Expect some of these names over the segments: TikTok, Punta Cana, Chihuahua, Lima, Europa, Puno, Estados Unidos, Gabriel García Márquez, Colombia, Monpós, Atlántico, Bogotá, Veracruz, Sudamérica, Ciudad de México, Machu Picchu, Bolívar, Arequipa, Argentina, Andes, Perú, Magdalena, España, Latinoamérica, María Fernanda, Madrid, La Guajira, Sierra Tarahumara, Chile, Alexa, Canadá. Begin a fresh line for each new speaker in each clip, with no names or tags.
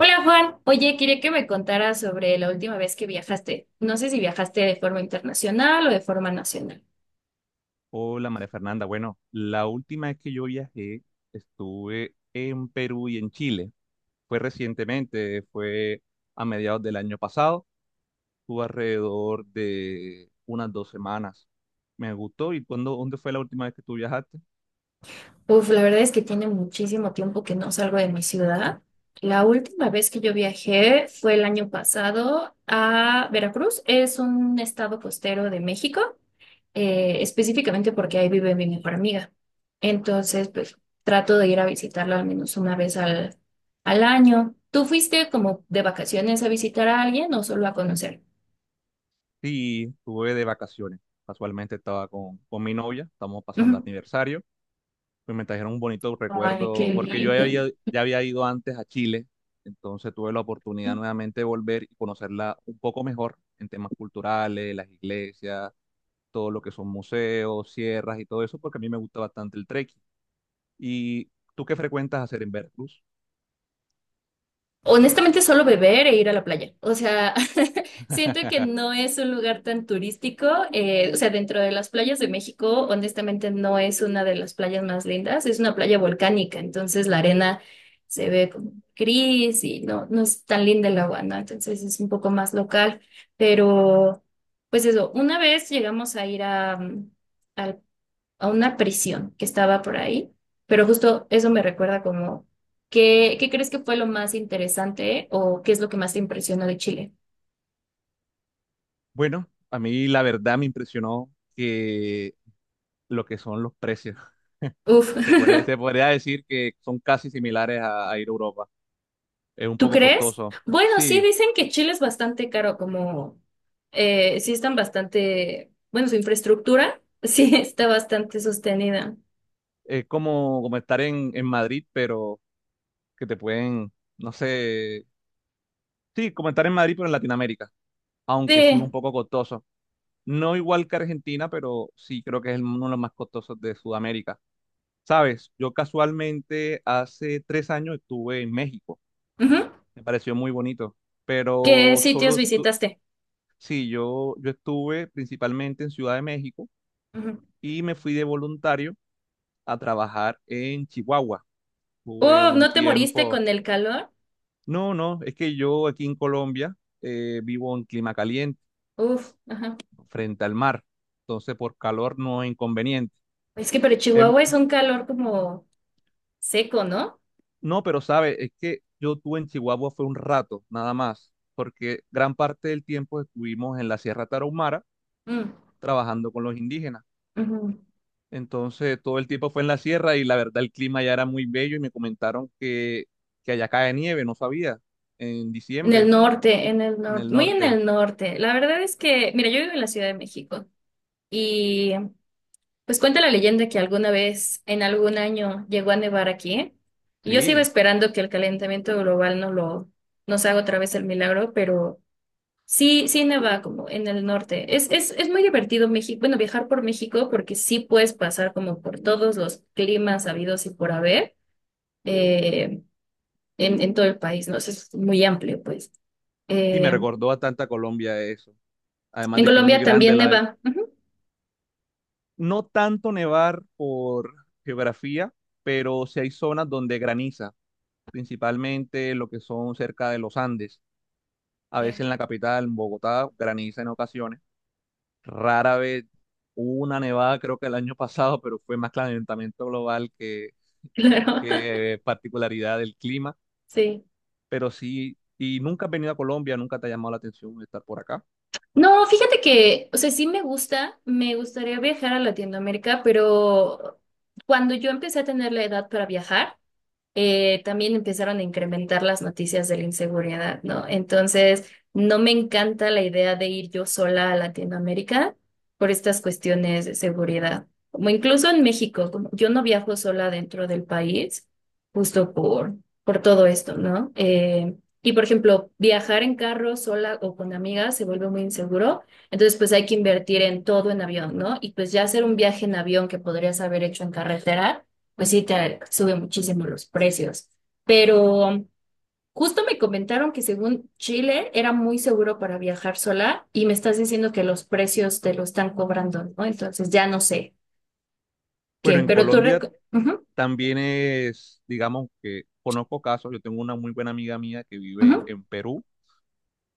Hola Juan, oye, quería que me contaras sobre la última vez que viajaste. No sé si viajaste de forma internacional o de forma nacional.
Hola María Fernanda. Bueno, la última vez que yo viajé estuve en Perú y en Chile. Fue recientemente, fue a mediados del año pasado. Estuve alrededor de unas 2 semanas. Me gustó. ¿Y cuándo, dónde fue la última vez que tú viajaste?
Uf, la verdad es que tiene muchísimo tiempo que no salgo de mi ciudad. La última vez que yo viajé fue el año pasado a Veracruz. Es un estado costero de México, específicamente porque ahí vive mi mejor amiga. Entonces, pues trato de ir a visitarla al menos una vez al año. ¿Tú fuiste como de vacaciones a visitar a alguien o solo a conocer?
Sí, estuve de vacaciones. Casualmente estaba con mi novia, estamos pasando
Ujú.
aniversario. Pues me trajeron un bonito
Ay,
recuerdo,
qué
porque yo
lindo.
ya había ido antes a Chile, entonces tuve la oportunidad nuevamente de volver y conocerla un poco mejor en temas culturales, las iglesias, todo lo que son museos, sierras y todo eso, porque a mí me gusta bastante el trekking. ¿Y tú qué frecuentas hacer en Veracruz?
Honestamente, solo beber e ir a la playa. O sea, siento que no es un lugar tan turístico. O sea, dentro de las playas de México, honestamente, no es una de las playas más lindas. Es una playa volcánica, entonces la arena se ve como gris y no es tan linda el agua, ¿no? Entonces es un poco más local. Pero, pues eso, una vez llegamos a ir a, mm, al a una prisión que estaba por ahí, pero justo eso me recuerda como, qué crees que fue lo más interesante o qué es lo que más te impresionó de Chile?
Bueno, a mí la verdad me impresionó que lo que son los precios.
Uf,
Se podría, se podría decir que son casi similares a ir a Europa. Es un
¿tú
poco
crees?
costoso.
Bueno, sí,
Sí,
dicen que Chile es bastante caro, como sí están bastante, bueno, su infraestructura sí está bastante sostenida.
es como estar en Madrid, pero que te pueden, no sé, sí, como estar en Madrid, pero en Latinoamérica, aunque sí es un
Sí,
poco costoso. No igual que Argentina, pero sí creo que es uno de los más costosos de Sudamérica. Sabes, yo casualmente hace 3 años estuve en México,
ujú.
me pareció muy bonito,
¿Qué
pero
sitios
solo,
visitaste?
sí, yo estuve principalmente en Ciudad de México
Ujú.
y me fui de voluntario a trabajar en Chihuahua. Tuve
Oh,
un
¿no te moriste
tiempo.
con el calor?
No, no, es que yo aquí en Colombia vivo en clima caliente,
Uf, ajá.
frente al mar, entonces por calor no es inconveniente.
Es que pero
Em,
Chihuahua es un calor como seco, ¿no?
no, pero sabe, es que yo tuve en Chihuahua fue un rato, nada más, porque gran parte del tiempo estuvimos en la Sierra Tarahumara
Mm,
trabajando con los indígenas.
ujú.
Entonces todo el tiempo fue en la sierra y la verdad el clima ya era muy bello y me comentaron que allá cae nieve, no sabía, en diciembre,
En el
en el
norte, muy en
norte.
el norte. La verdad es que, mira, yo vivo en la Ciudad de México y pues cuenta la leyenda que alguna vez, en algún año, llegó a nevar aquí y yo sigo
Sí,
esperando que el calentamiento global no lo, nos haga otra vez el milagro, pero sí, sí neva como en el norte. Es muy divertido México, bueno, viajar por México porque sí puedes pasar como por todos los climas habidos y por haber. eh, en todo el país, ¿no? O sea, es muy amplio, pues.
sí, me
Eh,
recordó bastante a tanta Colombia eso. Además
en
de que es muy
Colombia
grande.
también neva. Ujú.
No tanto nevar por geografía, pero sí hay zonas donde graniza, principalmente lo que son cerca de los Andes. A veces en la capital, en Bogotá, graniza en ocasiones. Rara vez hubo una nevada, creo que el año pasado, pero fue más calentamiento global que,
Claro,
que particularidad del clima.
sí.
Pero sí, y nunca has venido a Colombia, nunca te ha llamado la atención estar por acá.
No, fíjate que, o sea, sí me gusta, me gustaría viajar a Latinoamérica, pero cuando yo empecé a tener la edad para viajar, también empezaron a incrementar las noticias de la inseguridad, ¿no? Entonces, no me encanta la idea de ir yo sola a Latinoamérica por estas cuestiones de seguridad. Como incluso en México, como yo no viajo sola dentro del país, justo por, por todo esto, ¿no? Y por ejemplo, viajar en carro sola o con amigas se vuelve muy inseguro, entonces pues hay que invertir en todo en avión, ¿no? Y pues ya hacer un viaje en avión que podrías haber hecho en carretera pues sí, te sube muchísimo los precios. Pero justo me comentaron que según Chile era muy seguro para viajar sola y me estás diciendo que los precios te lo están cobrando, ¿no? Entonces ya no sé
Bueno,
qué,
en
pero tú...
Colombia
reco- Ujú,
también es, digamos que conozco casos, yo tengo una muy buena amiga mía que vive en
ujú.
en Perú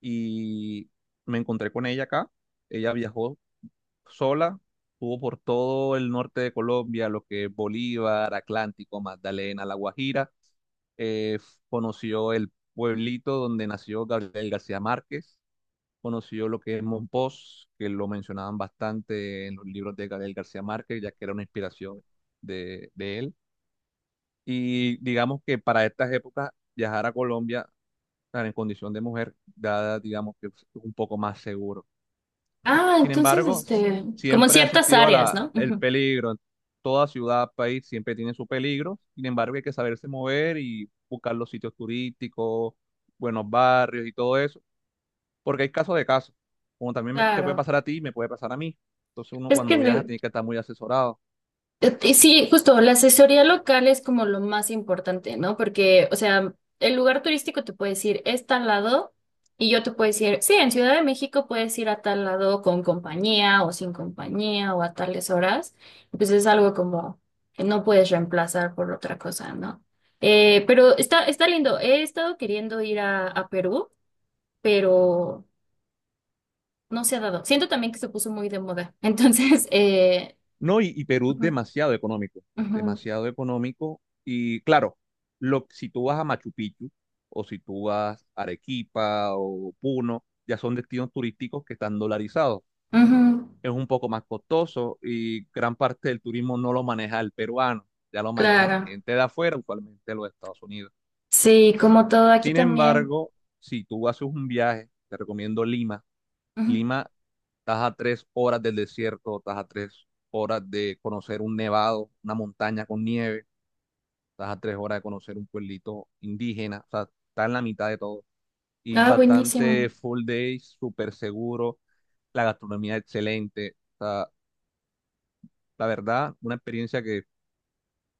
y me encontré con ella acá. Ella viajó sola, estuvo por todo el norte de Colombia, lo que es Bolívar, Atlántico, Magdalena, La Guajira. Eh, conoció el pueblito donde nació Gabriel García Márquez, conoció lo que es Monpós, que lo mencionaban bastante en los libros de Gabriel García Márquez, ya que era una inspiración de él, y digamos que para estas épocas viajar a Colombia tan en condición de mujer, dada, digamos que es un poco más seguro.
Ah,
Sin
entonces,
embargo,
este, como en
siempre ha
ciertas
asistido a
áreas,
la,
¿no?
el
Ujú.
peligro. Toda ciudad, país siempre tiene su peligro. Sin embargo, hay que saberse mover y buscar los sitios turísticos, buenos barrios y todo eso, porque hay casos de casos. Como también te puede
Claro.
pasar a ti, me puede pasar a mí. Entonces uno
Es que
cuando viaja
de-
tiene que estar muy asesorado.
Sí, justo, la asesoría local es como lo más importante, ¿no? Porque, o sea, el lugar turístico te puede decir, es tal lado, y yo te puedo decir, sí, en Ciudad de México puedes ir a tal lado con compañía o sin compañía o a tales horas. Pues es algo como que no puedes reemplazar por otra cosa, ¿no? Pero está lindo. He estado queriendo ir a Perú, pero no se ha dado. Siento también que se puso muy de moda. Entonces,
No, y Perú
ujú,
demasiado económico,
ujú,
demasiado económico. Y claro, si tú vas a Machu Picchu o si tú vas a Arequipa o Puno, ya son destinos turísticos que están dolarizados.
ujú.
Es un poco más costoso y gran parte del turismo no lo maneja el peruano, ya lo maneja
Claro.
gente de afuera, usualmente de los Estados Unidos.
Sí,
S-
como todo aquí
Sin
también.
embargo, si tú haces un viaje, te recomiendo Lima.
Ujú.
Lima, estás a 3 horas del desierto, estás a 3 horas de conocer un nevado, una montaña con nieve, estás a 3 horas de conocer un pueblito indígena, o sea, está en la mitad de todo. Y
Ah,
bastante
buenísimo.
full day, súper seguro, la gastronomía excelente. O sea, la verdad, una experiencia que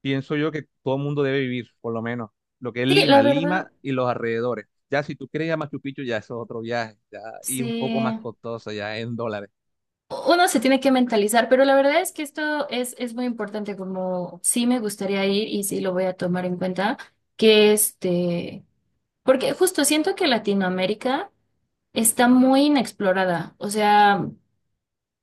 pienso yo que todo el mundo debe vivir, por lo menos lo que es
Sí, la
Lima,
verdad,
Lima y los alrededores. Ya si tú quieres ir a Machu Picchu, ya eso es otro viaje, ya y un
sí.
poco más costoso, ya en dólares.
Uno se tiene que mentalizar, pero la verdad es que es muy importante, como sí me gustaría ir y sí lo voy a tomar en cuenta, que este, porque justo siento que Latinoamérica está muy inexplorada, o sea,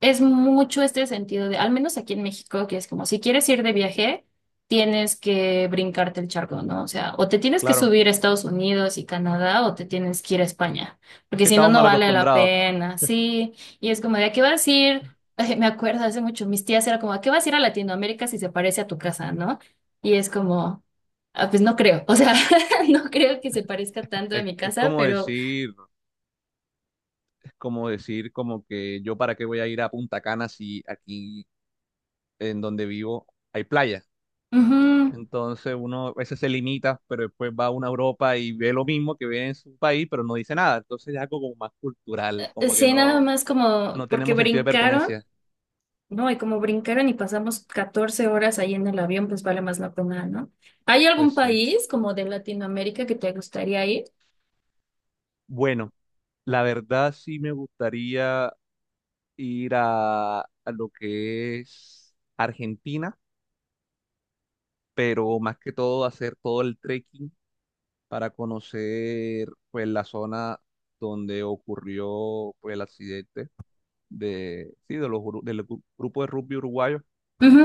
es mucho este sentido de, al menos aquí en México, que es como, si quieres ir de viaje, tienes que brincarte el charco, ¿no? O sea, o te tienes que
Claro,
subir a Estados Unidos y Canadá, o te tienes que ir a España, porque
que
si no,
estamos
no
mal
vale la
acostumbrados.
pena, sí. Y es como, ¿de a qué vas a ir? Ay, me acuerdo hace mucho, mis tías era como, ¿a qué vas a ir a Latinoamérica si se parece a tu casa, ¿no? Y es como, "Ah, pues no creo, o sea, no creo que se parezca tanto a
Es,
mi
es
casa,
como
pero...
decir, como que yo para qué voy a ir a Punta Cana si aquí en donde vivo hay playa.
ujú,
Entonces uno a veces se limita, pero después va a una Europa y ve lo mismo que ve en su país, pero no dice nada. Entonces es algo como más cultural, como que
sí, nada
no,
más como
no
porque
tenemos sentido de
brincaron.
pertenencia.
No, y como brincaron y pasamos 14 horas ahí en el avión, pues vale más la pena, ¿no? ¿Hay
Pues
algún
sí.
país como de Latinoamérica que te gustaría ir?
Bueno, la verdad sí me gustaría ir a lo que es Argentina, pero más que todo hacer todo el trekking para conocer pues la zona donde ocurrió pues el accidente de sí de los gru- del gru- grupo de rugby uruguayo,
Ujú.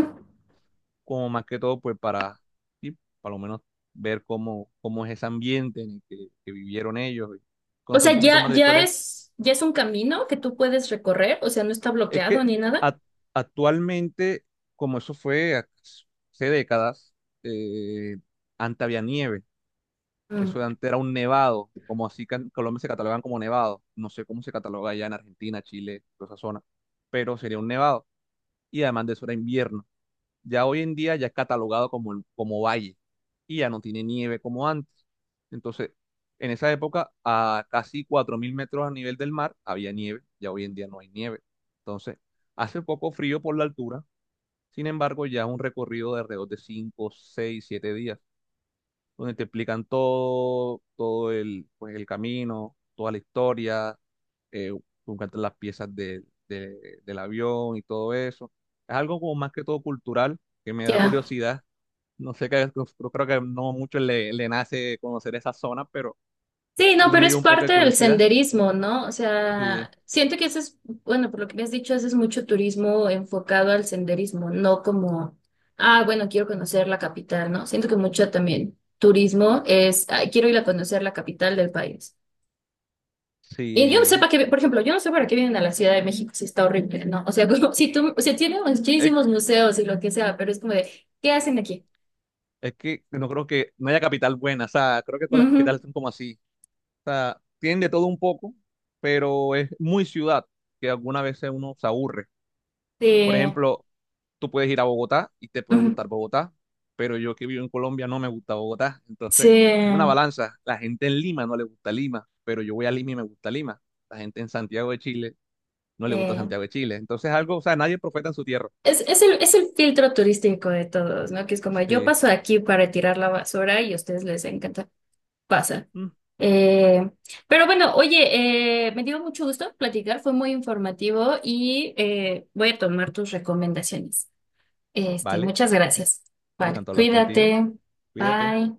como más que todo pues para sí, para lo menos ver cómo es ese ambiente en el que vivieron ellos y
O
conocer un
sea,
poquito más de la historia.
ya es un camino que tú puedes recorrer, o sea, no está
Es
bloqueado
que
ni nada.
ac- actualmente, como eso fue hace décadas, eh, antes había nieve.
Mm,
Eso de antes era un nevado, como así que en Colombia se catalogan como nevado. No sé cómo se cataloga allá en Argentina, Chile, toda esa zona, pero sería un nevado. Y además de eso era invierno. Ya hoy en día ya es catalogado como, como valle, y ya no tiene nieve como antes. Entonces, en esa época, a casi 4.000 metros a nivel del mar había nieve, ya hoy en día no hay nieve. Entonces, hace poco frío por la altura, sin embargo, ya es un recorrido de alrededor de 5, 6, 7 días donde te explican todo, todo el, pues, el camino, toda la historia, eh, te encuentras las piezas del avión y todo eso. Es algo como más que todo cultural, que me da
ya.
curiosidad. No sé, que, yo creo que no mucho le nace conocer esa zona, pero
Sí,
a
no,
mí
pero
me
es
dio un poco de
parte del
curiosidad.
senderismo, ¿no? O sea,
Sí,
siento que ese es, bueno, por lo que me has dicho, ese es mucho turismo enfocado al senderismo, no como, ah, bueno, quiero conocer la capital, ¿no? Siento que mucho también turismo es, "Ay, quiero ir a conocer la capital del país. Y yo no sé
sí.
para qué, por ejemplo, yo no sé para qué vienen a la Ciudad de México si está horrible, ¿no? O sea, como si tú, o sea, tiene
Es,
muchísimos museos y lo que sea, pero es como de, ¿qué hacen aquí?
es que no creo que no haya capital buena, o sea, creo que todas las capitales
Ujú.
son como así. O sea, tienen de todo un poco, pero es muy ciudad que algunas veces uno se aburre. Por
Sí,
ejemplo, tú puedes ir a Bogotá y te puede
ujú.
gustar Bogotá, pero yo que vivo en Colombia no me gusta Bogotá.
Sí,
Entonces, es una balanza. La gente en Lima no le gusta Lima, pero yo voy a Lima y me gusta Lima. La gente en Santiago de Chile no le
sí.
gusta Santiago de Chile. Entonces, algo, o sea, nadie profeta en su tierra.
Es el filtro turístico de todos, ¿no? Que es como yo
Sí.
paso aquí para tirar la basura y a ustedes les encanta, pasa.
Mm,
Eh, pero bueno, oye, me dio mucho gusto platicar, fue muy informativo y voy a tomar tus recomendaciones. Este,
vale,
muchas gracias.
me
Vale,
encantó hablar contigo.
cuídate.
Cuídate.
Bye.